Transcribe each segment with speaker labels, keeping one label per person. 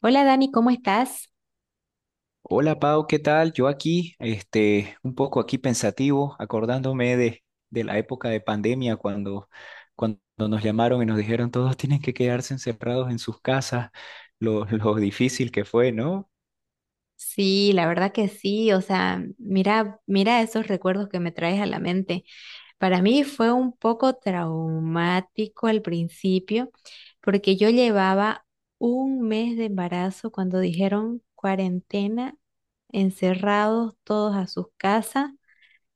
Speaker 1: Hola Dani, ¿cómo estás?
Speaker 2: Hola Pau, ¿qué tal? Yo aquí, un poco aquí pensativo, acordándome de la época de pandemia cuando nos llamaron y nos dijeron todos tienen que quedarse encerrados en sus casas, lo difícil que fue, ¿no?
Speaker 1: Sí, la verdad que sí, o sea, mira, mira esos recuerdos que me traes a la mente. Para mí fue un poco traumático al principio, porque yo llevaba un mes de embarazo cuando dijeron cuarentena, encerrados todos a sus casas.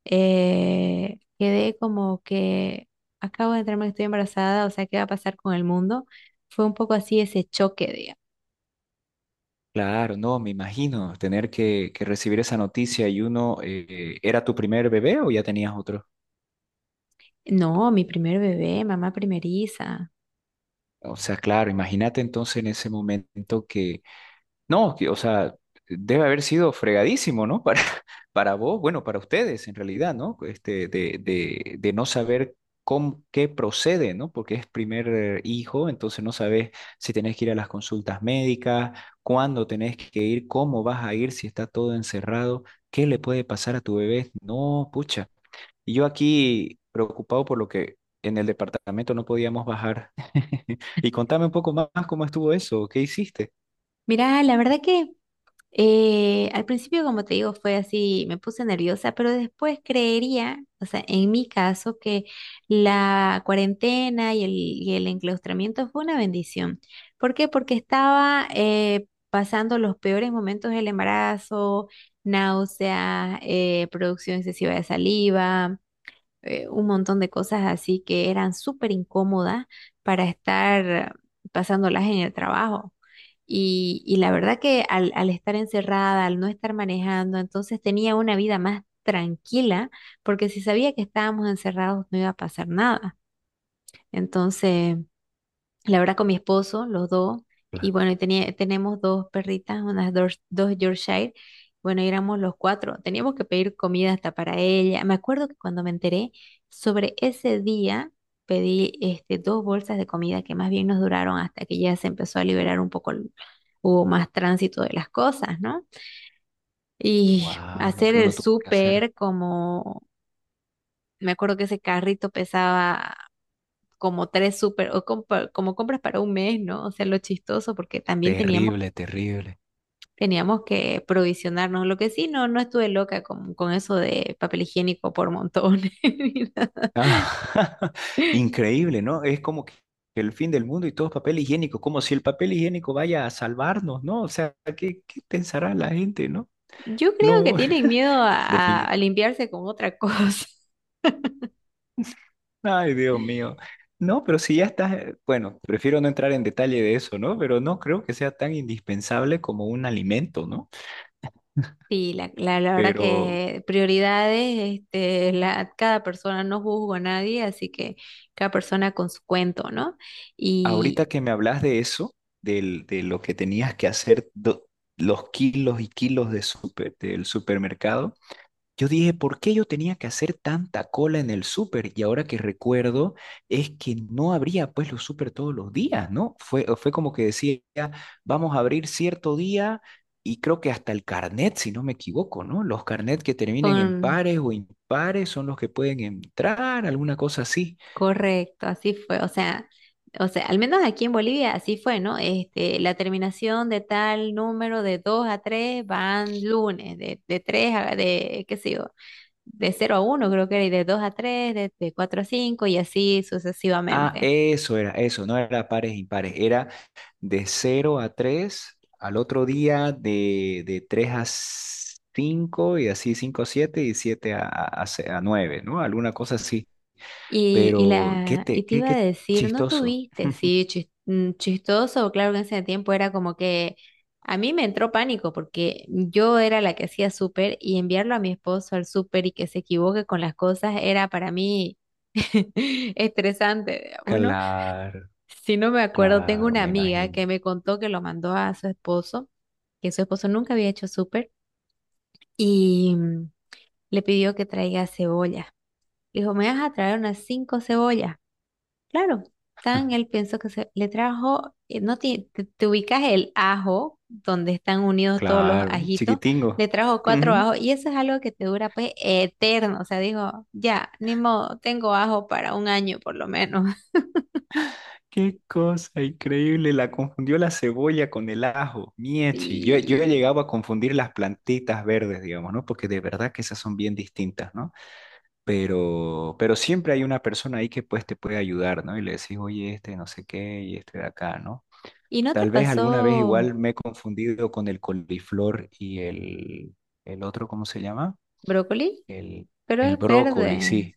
Speaker 1: Quedé como que acabo de enterarme que estoy embarazada, o sea, ¿qué va a pasar con el mundo? Fue un poco así ese choque.
Speaker 2: Claro, no, me imagino tener que recibir esa noticia y uno, ¿era tu primer bebé o ya tenías otro?
Speaker 1: No, mi primer bebé, mamá primeriza.
Speaker 2: O sea, claro, imagínate entonces en ese momento. No, que, o sea, debe haber sido fregadísimo, ¿no? Para vos, bueno, para ustedes en realidad, ¿no? De no saber con qué procede, ¿no? Porque es primer hijo, entonces no sabes si tenés que ir a las consultas médicas, cuándo tenés que ir, cómo vas a ir, si está todo encerrado, qué le puede pasar a tu bebé. No, pucha. Y yo aquí preocupado por lo que en el departamento no podíamos bajar. Y contame un poco más cómo estuvo eso, ¿qué hiciste?
Speaker 1: Mira, la verdad que al principio, como te digo, fue así, me puse nerviosa, pero después creería, o sea, en mi caso, que la cuarentena y el enclaustramiento fue una bendición. ¿Por qué? Porque estaba pasando los peores momentos del embarazo, náuseas, producción excesiva de saliva. Un montón de cosas así que eran súper incómodas para estar pasándolas en el trabajo. Y la verdad que al estar encerrada, al no estar manejando, entonces tenía una vida más tranquila, porque si sabía que estábamos encerrados no iba a pasar nada. Entonces, la verdad con mi esposo, los dos, y bueno, y tenía, tenemos dos perritas, unas dos Yorkshire, bueno, y éramos los cuatro, teníamos que pedir comida hasta para ella. Me acuerdo que cuando me enteré sobre ese día, pedí este, dos bolsas de comida que más bien nos duraron hasta que ya se empezó a liberar un poco, hubo más tránsito de las cosas, ¿no? Y
Speaker 2: Wow, lo
Speaker 1: hacer
Speaker 2: que
Speaker 1: el
Speaker 2: uno tuvo que hacer.
Speaker 1: súper como. Me acuerdo que ese carrito pesaba como tres súper, o como compras para un mes, ¿no? O sea, lo chistoso, porque también teníamos,
Speaker 2: Terrible, terrible.
Speaker 1: teníamos que provisionarnos. Lo que sí, no, no estuve loca con eso de papel higiénico por montones. ni nada.
Speaker 2: Ah, increíble, ¿no? Es como que el fin del mundo y todo es papel higiénico, como si el papel higiénico vaya a salvarnos, ¿no? O sea, ¿qué, qué pensará la gente, no?
Speaker 1: Yo creo que
Speaker 2: No,
Speaker 1: tienen miedo a, a-
Speaker 2: definitivamente.
Speaker 1: a limpiarse con otra cosa.
Speaker 2: Ay, Dios mío. No, pero si ya estás, bueno, prefiero no entrar en detalle de eso, ¿no? Pero no creo que sea tan indispensable como un alimento, ¿no?
Speaker 1: Sí, la verdad
Speaker 2: Pero
Speaker 1: que prioridades, este, cada persona, no juzgo a nadie, así que cada persona con su cuento, ¿no?
Speaker 2: ahorita
Speaker 1: Y,
Speaker 2: que me hablas de eso, de lo que tenías que hacer, los kilos y kilos de del supermercado, yo dije, ¿por qué yo tenía que hacer tanta cola en el súper? Y ahora que recuerdo, es que no abría pues los súper todos los días, ¿no? Fue como que decía, vamos a abrir cierto día y creo que hasta el carnet, si no me equivoco, ¿no? Los carnet que terminen en
Speaker 1: con
Speaker 2: pares o impares son los que pueden entrar, alguna cosa así.
Speaker 1: Correcto, así fue. O sea, al menos aquí en Bolivia así fue, ¿no? Este, la terminación de tal número de 2 a 3 van lunes, de 3, a, de, qué sé yo, de cero a uno creo que era, y de 2 a 3, de 4 a 5 y así
Speaker 2: Ah,
Speaker 1: sucesivamente.
Speaker 2: eso era, eso, no era pares impares, era de cero a 3, al otro día de 3 a 5 y así 5 a 7 y 7 a 9, ¿no? Alguna cosa así.
Speaker 1: Y, y,
Speaker 2: Pero qué,
Speaker 1: la,
Speaker 2: te,
Speaker 1: y te
Speaker 2: qué,
Speaker 1: iba a
Speaker 2: qué
Speaker 1: decir, ¿no
Speaker 2: chistoso.
Speaker 1: tuviste? Sí, chistoso, claro que en ese tiempo era como que a mí me entró pánico porque yo era la que hacía súper y enviarlo a mi esposo al súper y que se equivoque con las cosas era para mí estresante, digamos, ¿no?
Speaker 2: Claro,
Speaker 1: Si no me acuerdo, tengo
Speaker 2: claro,
Speaker 1: una
Speaker 2: me
Speaker 1: amiga
Speaker 2: imagino.
Speaker 1: que me contó que lo mandó a su esposo, que su esposo nunca había hecho súper y le pidió que traiga cebolla. Le dijo, me vas a traer unas cinco cebollas. Claro, tan el pienso que se le trajo, no ti- te ubicas el ajo, donde están unidos todos los
Speaker 2: Claro, el
Speaker 1: ajitos,
Speaker 2: chiquitingo.
Speaker 1: le trajo cuatro
Speaker 2: Ujú.
Speaker 1: ajos y eso es algo que te dura pues eterno, o sea, digo, ya, ni modo, tengo ajo para un año por lo menos.
Speaker 2: Qué cosa increíble, la confundió la cebolla con el ajo, miechi. Yo he
Speaker 1: Y,
Speaker 2: llegado a confundir las plantitas verdes, digamos, ¿no? Porque de verdad que esas son bien distintas, ¿no? Pero siempre hay una persona ahí que pues te puede ayudar, ¿no? Y le decís, oye, este no sé qué y este de acá, ¿no?
Speaker 1: y no te
Speaker 2: Tal vez alguna vez
Speaker 1: pasó
Speaker 2: igual me he confundido con el coliflor y el otro, ¿cómo se llama?
Speaker 1: brócoli,
Speaker 2: El,
Speaker 1: pero
Speaker 2: el
Speaker 1: es
Speaker 2: brócoli,
Speaker 1: verde.
Speaker 2: sí.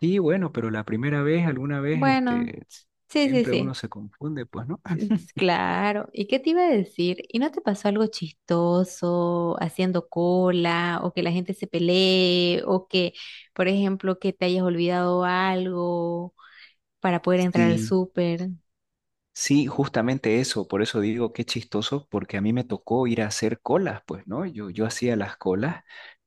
Speaker 2: Sí, bueno, pero la primera vez, alguna vez,
Speaker 1: Bueno, sí, sí,
Speaker 2: siempre uno
Speaker 1: sí.
Speaker 2: se confunde, pues, ¿no?
Speaker 1: Es claro, ¿y qué te iba a decir? ¿Y no te pasó algo chistoso haciendo cola o que la gente se pelee o que, por ejemplo, que te hayas olvidado algo para poder entrar al
Speaker 2: Sí,
Speaker 1: súper?
Speaker 2: sí, justamente eso, por eso digo qué chistoso, porque a mí me tocó ir a hacer colas, pues, ¿no? Yo hacía las colas.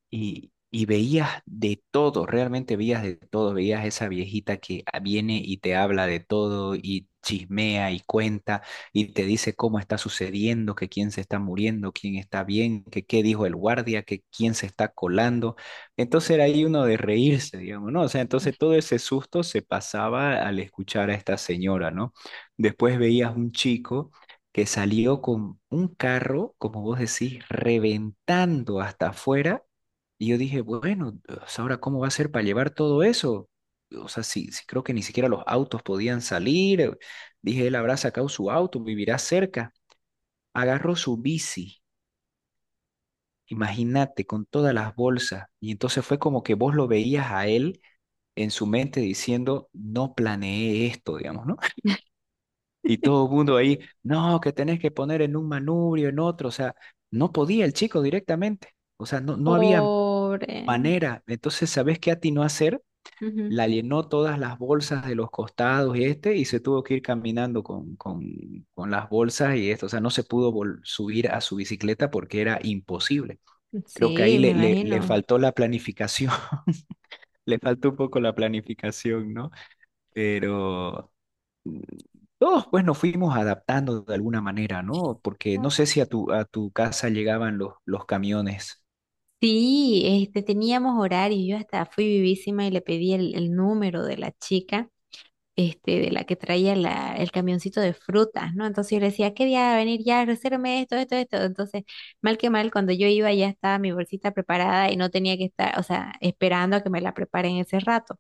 Speaker 2: Y veías de todo, realmente veías de todo, veías esa viejita que viene y te habla de todo y chismea y cuenta y te dice cómo está sucediendo, que quién se está muriendo, quién está bien, que qué dijo el guardia, que quién se está colando. Entonces era ahí uno de reírse, digamos, ¿no? O sea, entonces todo ese susto se pasaba al escuchar a esta señora, ¿no? Después veías un chico que salió con un carro, como vos decís, reventando hasta afuera y yo dije, bueno, o sea, ahora cómo va a ser para llevar todo eso. O sea, sí, sí creo que ni siquiera los autos podían salir. Dije, él habrá sacado su auto, vivirá cerca. Agarró su bici, imagínate, con todas las bolsas. Y entonces fue como que vos lo veías a él en su mente diciendo, no planeé esto, digamos, ¿no? Y todo el mundo ahí, no, que tenés que poner en un manubrio, en otro. O sea, no podía el chico directamente. O sea, no, no había
Speaker 1: Pobre.
Speaker 2: manera. Entonces, ¿sabés qué atinó a hacer?
Speaker 1: Ujú.
Speaker 2: La llenó todas las bolsas de los costados y y se tuvo que ir caminando con las bolsas y esto, o sea, no se pudo subir a su bicicleta porque era imposible. Creo que ahí
Speaker 1: Sí, me
Speaker 2: le
Speaker 1: imagino.
Speaker 2: faltó la planificación, le faltó un poco la planificación, ¿no? Pero mm, todos pues nos fuimos adaptando de alguna manera, ¿no? Porque no sé si a tu casa llegaban los camiones.
Speaker 1: Sí, este, teníamos horario, yo hasta fui vivísima y le pedí el número de la chica este, de la que traía el camioncito de frutas, ¿no? Entonces yo le decía, ¿qué día va a venir ya? Resérvame esto, esto, esto. Entonces, mal que mal, cuando yo iba ya estaba mi bolsita preparada y no tenía que estar, o sea, esperando a que me la preparen ese rato.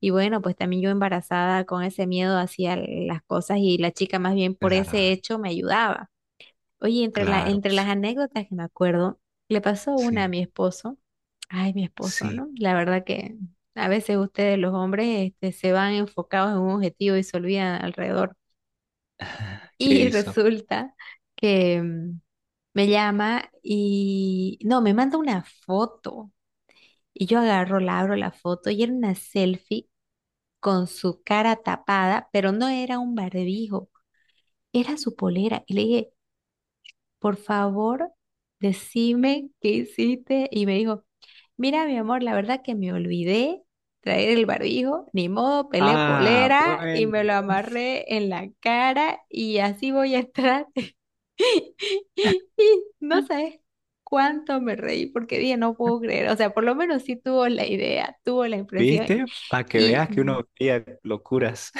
Speaker 1: Y bueno, pues también yo embarazada con ese miedo hacía las cosas y la chica más bien por ese
Speaker 2: Claro,
Speaker 1: hecho me ayudaba. Oye, entre la,
Speaker 2: claro,
Speaker 1: entre las
Speaker 2: pues,
Speaker 1: anécdotas que me acuerdo, le pasó una a
Speaker 2: sí,
Speaker 1: mi esposo. Ay, mi esposo,
Speaker 2: sí.
Speaker 1: ¿no? La verdad que a veces ustedes, los hombres, este, se van enfocados en un objetivo y se olvidan alrededor.
Speaker 2: ¿Qué
Speaker 1: Y
Speaker 2: hizo?
Speaker 1: resulta que me llama y no, me manda una foto. Y yo agarro, la abro la foto y era una selfie con su cara tapada, pero no era un barbijo, era su polera. Y le dije, por favor, decime qué hiciste. Y me dijo, mira, mi amor, la verdad que me olvidé traer el barbijo, ni modo, pelé
Speaker 2: Ah,
Speaker 1: polera y
Speaker 2: bueno.
Speaker 1: me lo amarré en la cara y así voy a estar. Y no sabes cuánto me reí porque dije, no puedo creer. O sea, por lo menos sí tuvo la idea, tuvo la impresión.
Speaker 2: ¿Viste? Para que
Speaker 1: Y
Speaker 2: veas que uno veía locuras.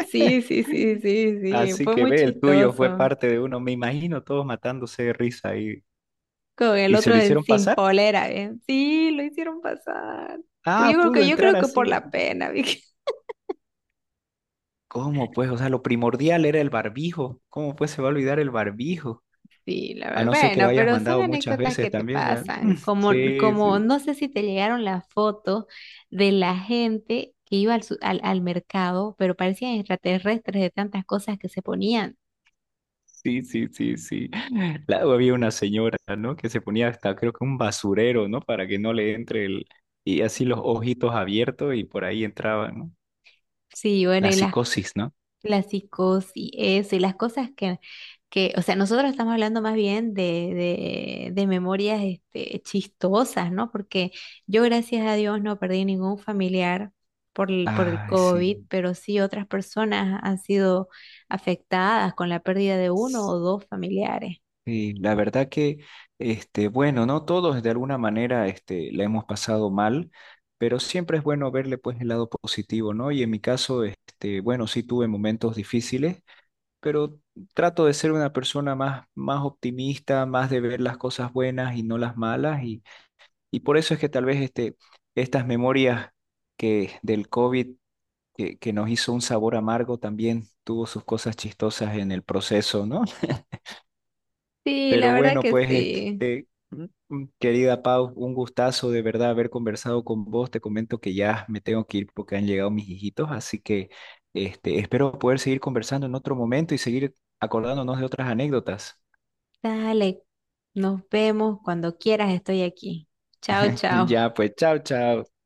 Speaker 1: sí, sí, sí, sí, sí,
Speaker 2: Así
Speaker 1: fue
Speaker 2: que
Speaker 1: muy
Speaker 2: ve, el tuyo fue
Speaker 1: chistoso.
Speaker 2: parte de uno, me imagino, todos matándose de risa
Speaker 1: Con el
Speaker 2: y se
Speaker 1: otro
Speaker 2: lo
Speaker 1: de
Speaker 2: hicieron
Speaker 1: sin
Speaker 2: pasar.
Speaker 1: polera, ¿bien? Sí, lo hicieron pasar. Pues
Speaker 2: Ah,
Speaker 1: yo creo
Speaker 2: pudo
Speaker 1: que, yo
Speaker 2: entrar
Speaker 1: creo que por
Speaker 2: así.
Speaker 1: la pena, Vicky.
Speaker 2: ¿Cómo pues? O sea, lo primordial era el barbijo. ¿Cómo pues se va a olvidar el barbijo?
Speaker 1: Sí, la
Speaker 2: A
Speaker 1: verdad.
Speaker 2: no ser que lo
Speaker 1: Bueno,
Speaker 2: hayas
Speaker 1: pero son
Speaker 2: mandado muchas
Speaker 1: anécdotas
Speaker 2: veces
Speaker 1: que te
Speaker 2: también, ¿ya? Mm,
Speaker 1: pasan. Como,
Speaker 2: sí,
Speaker 1: como
Speaker 2: sí,
Speaker 1: no sé si te llegaron las fotos de la gente que iba al mercado, pero parecían extraterrestres de tantas cosas que se ponían.
Speaker 2: sí, sí, sí, sí. Luego había una señora, ¿no? Que se ponía hasta, creo que un basurero, ¿no? Para que no le entre el... Y así los ojitos abiertos y por ahí entraban, ¿no?
Speaker 1: Sí, bueno,
Speaker 2: La
Speaker 1: y las
Speaker 2: psicosis, ¿no?
Speaker 1: la psicosis, eso, y las cosas que, o sea, nosotros estamos hablando más bien de memorias este, chistosas, ¿no? Porque yo, gracias a Dios, no perdí ningún familiar por el
Speaker 2: Ay,
Speaker 1: COVID,
Speaker 2: sí.
Speaker 1: pero sí otras personas han sido afectadas con la pérdida de uno o dos familiares.
Speaker 2: Sí, la verdad que, bueno, no todos de alguna manera, la hemos pasado mal, pero siempre es bueno verle pues el lado positivo, ¿no? Y en mi caso, bueno, sí tuve momentos difíciles, pero trato de ser una persona más, más optimista, más de ver las cosas buenas y no las malas, y por eso es que tal vez estas memorias que del COVID que nos hizo un sabor amargo también, tuvo sus cosas chistosas en el proceso, ¿no?
Speaker 1: Sí, la
Speaker 2: Pero
Speaker 1: verdad
Speaker 2: bueno,
Speaker 1: que
Speaker 2: pues
Speaker 1: sí.
Speaker 2: querida Pau, un gustazo de verdad haber conversado con vos. Te comento que ya me tengo que ir porque han llegado mis hijitos, así que espero poder seguir conversando en otro momento y seguir acordándonos de otras anécdotas.
Speaker 1: Dale, nos vemos cuando quieras, estoy aquí. Chao, chao.
Speaker 2: Ya, pues, chao, chao.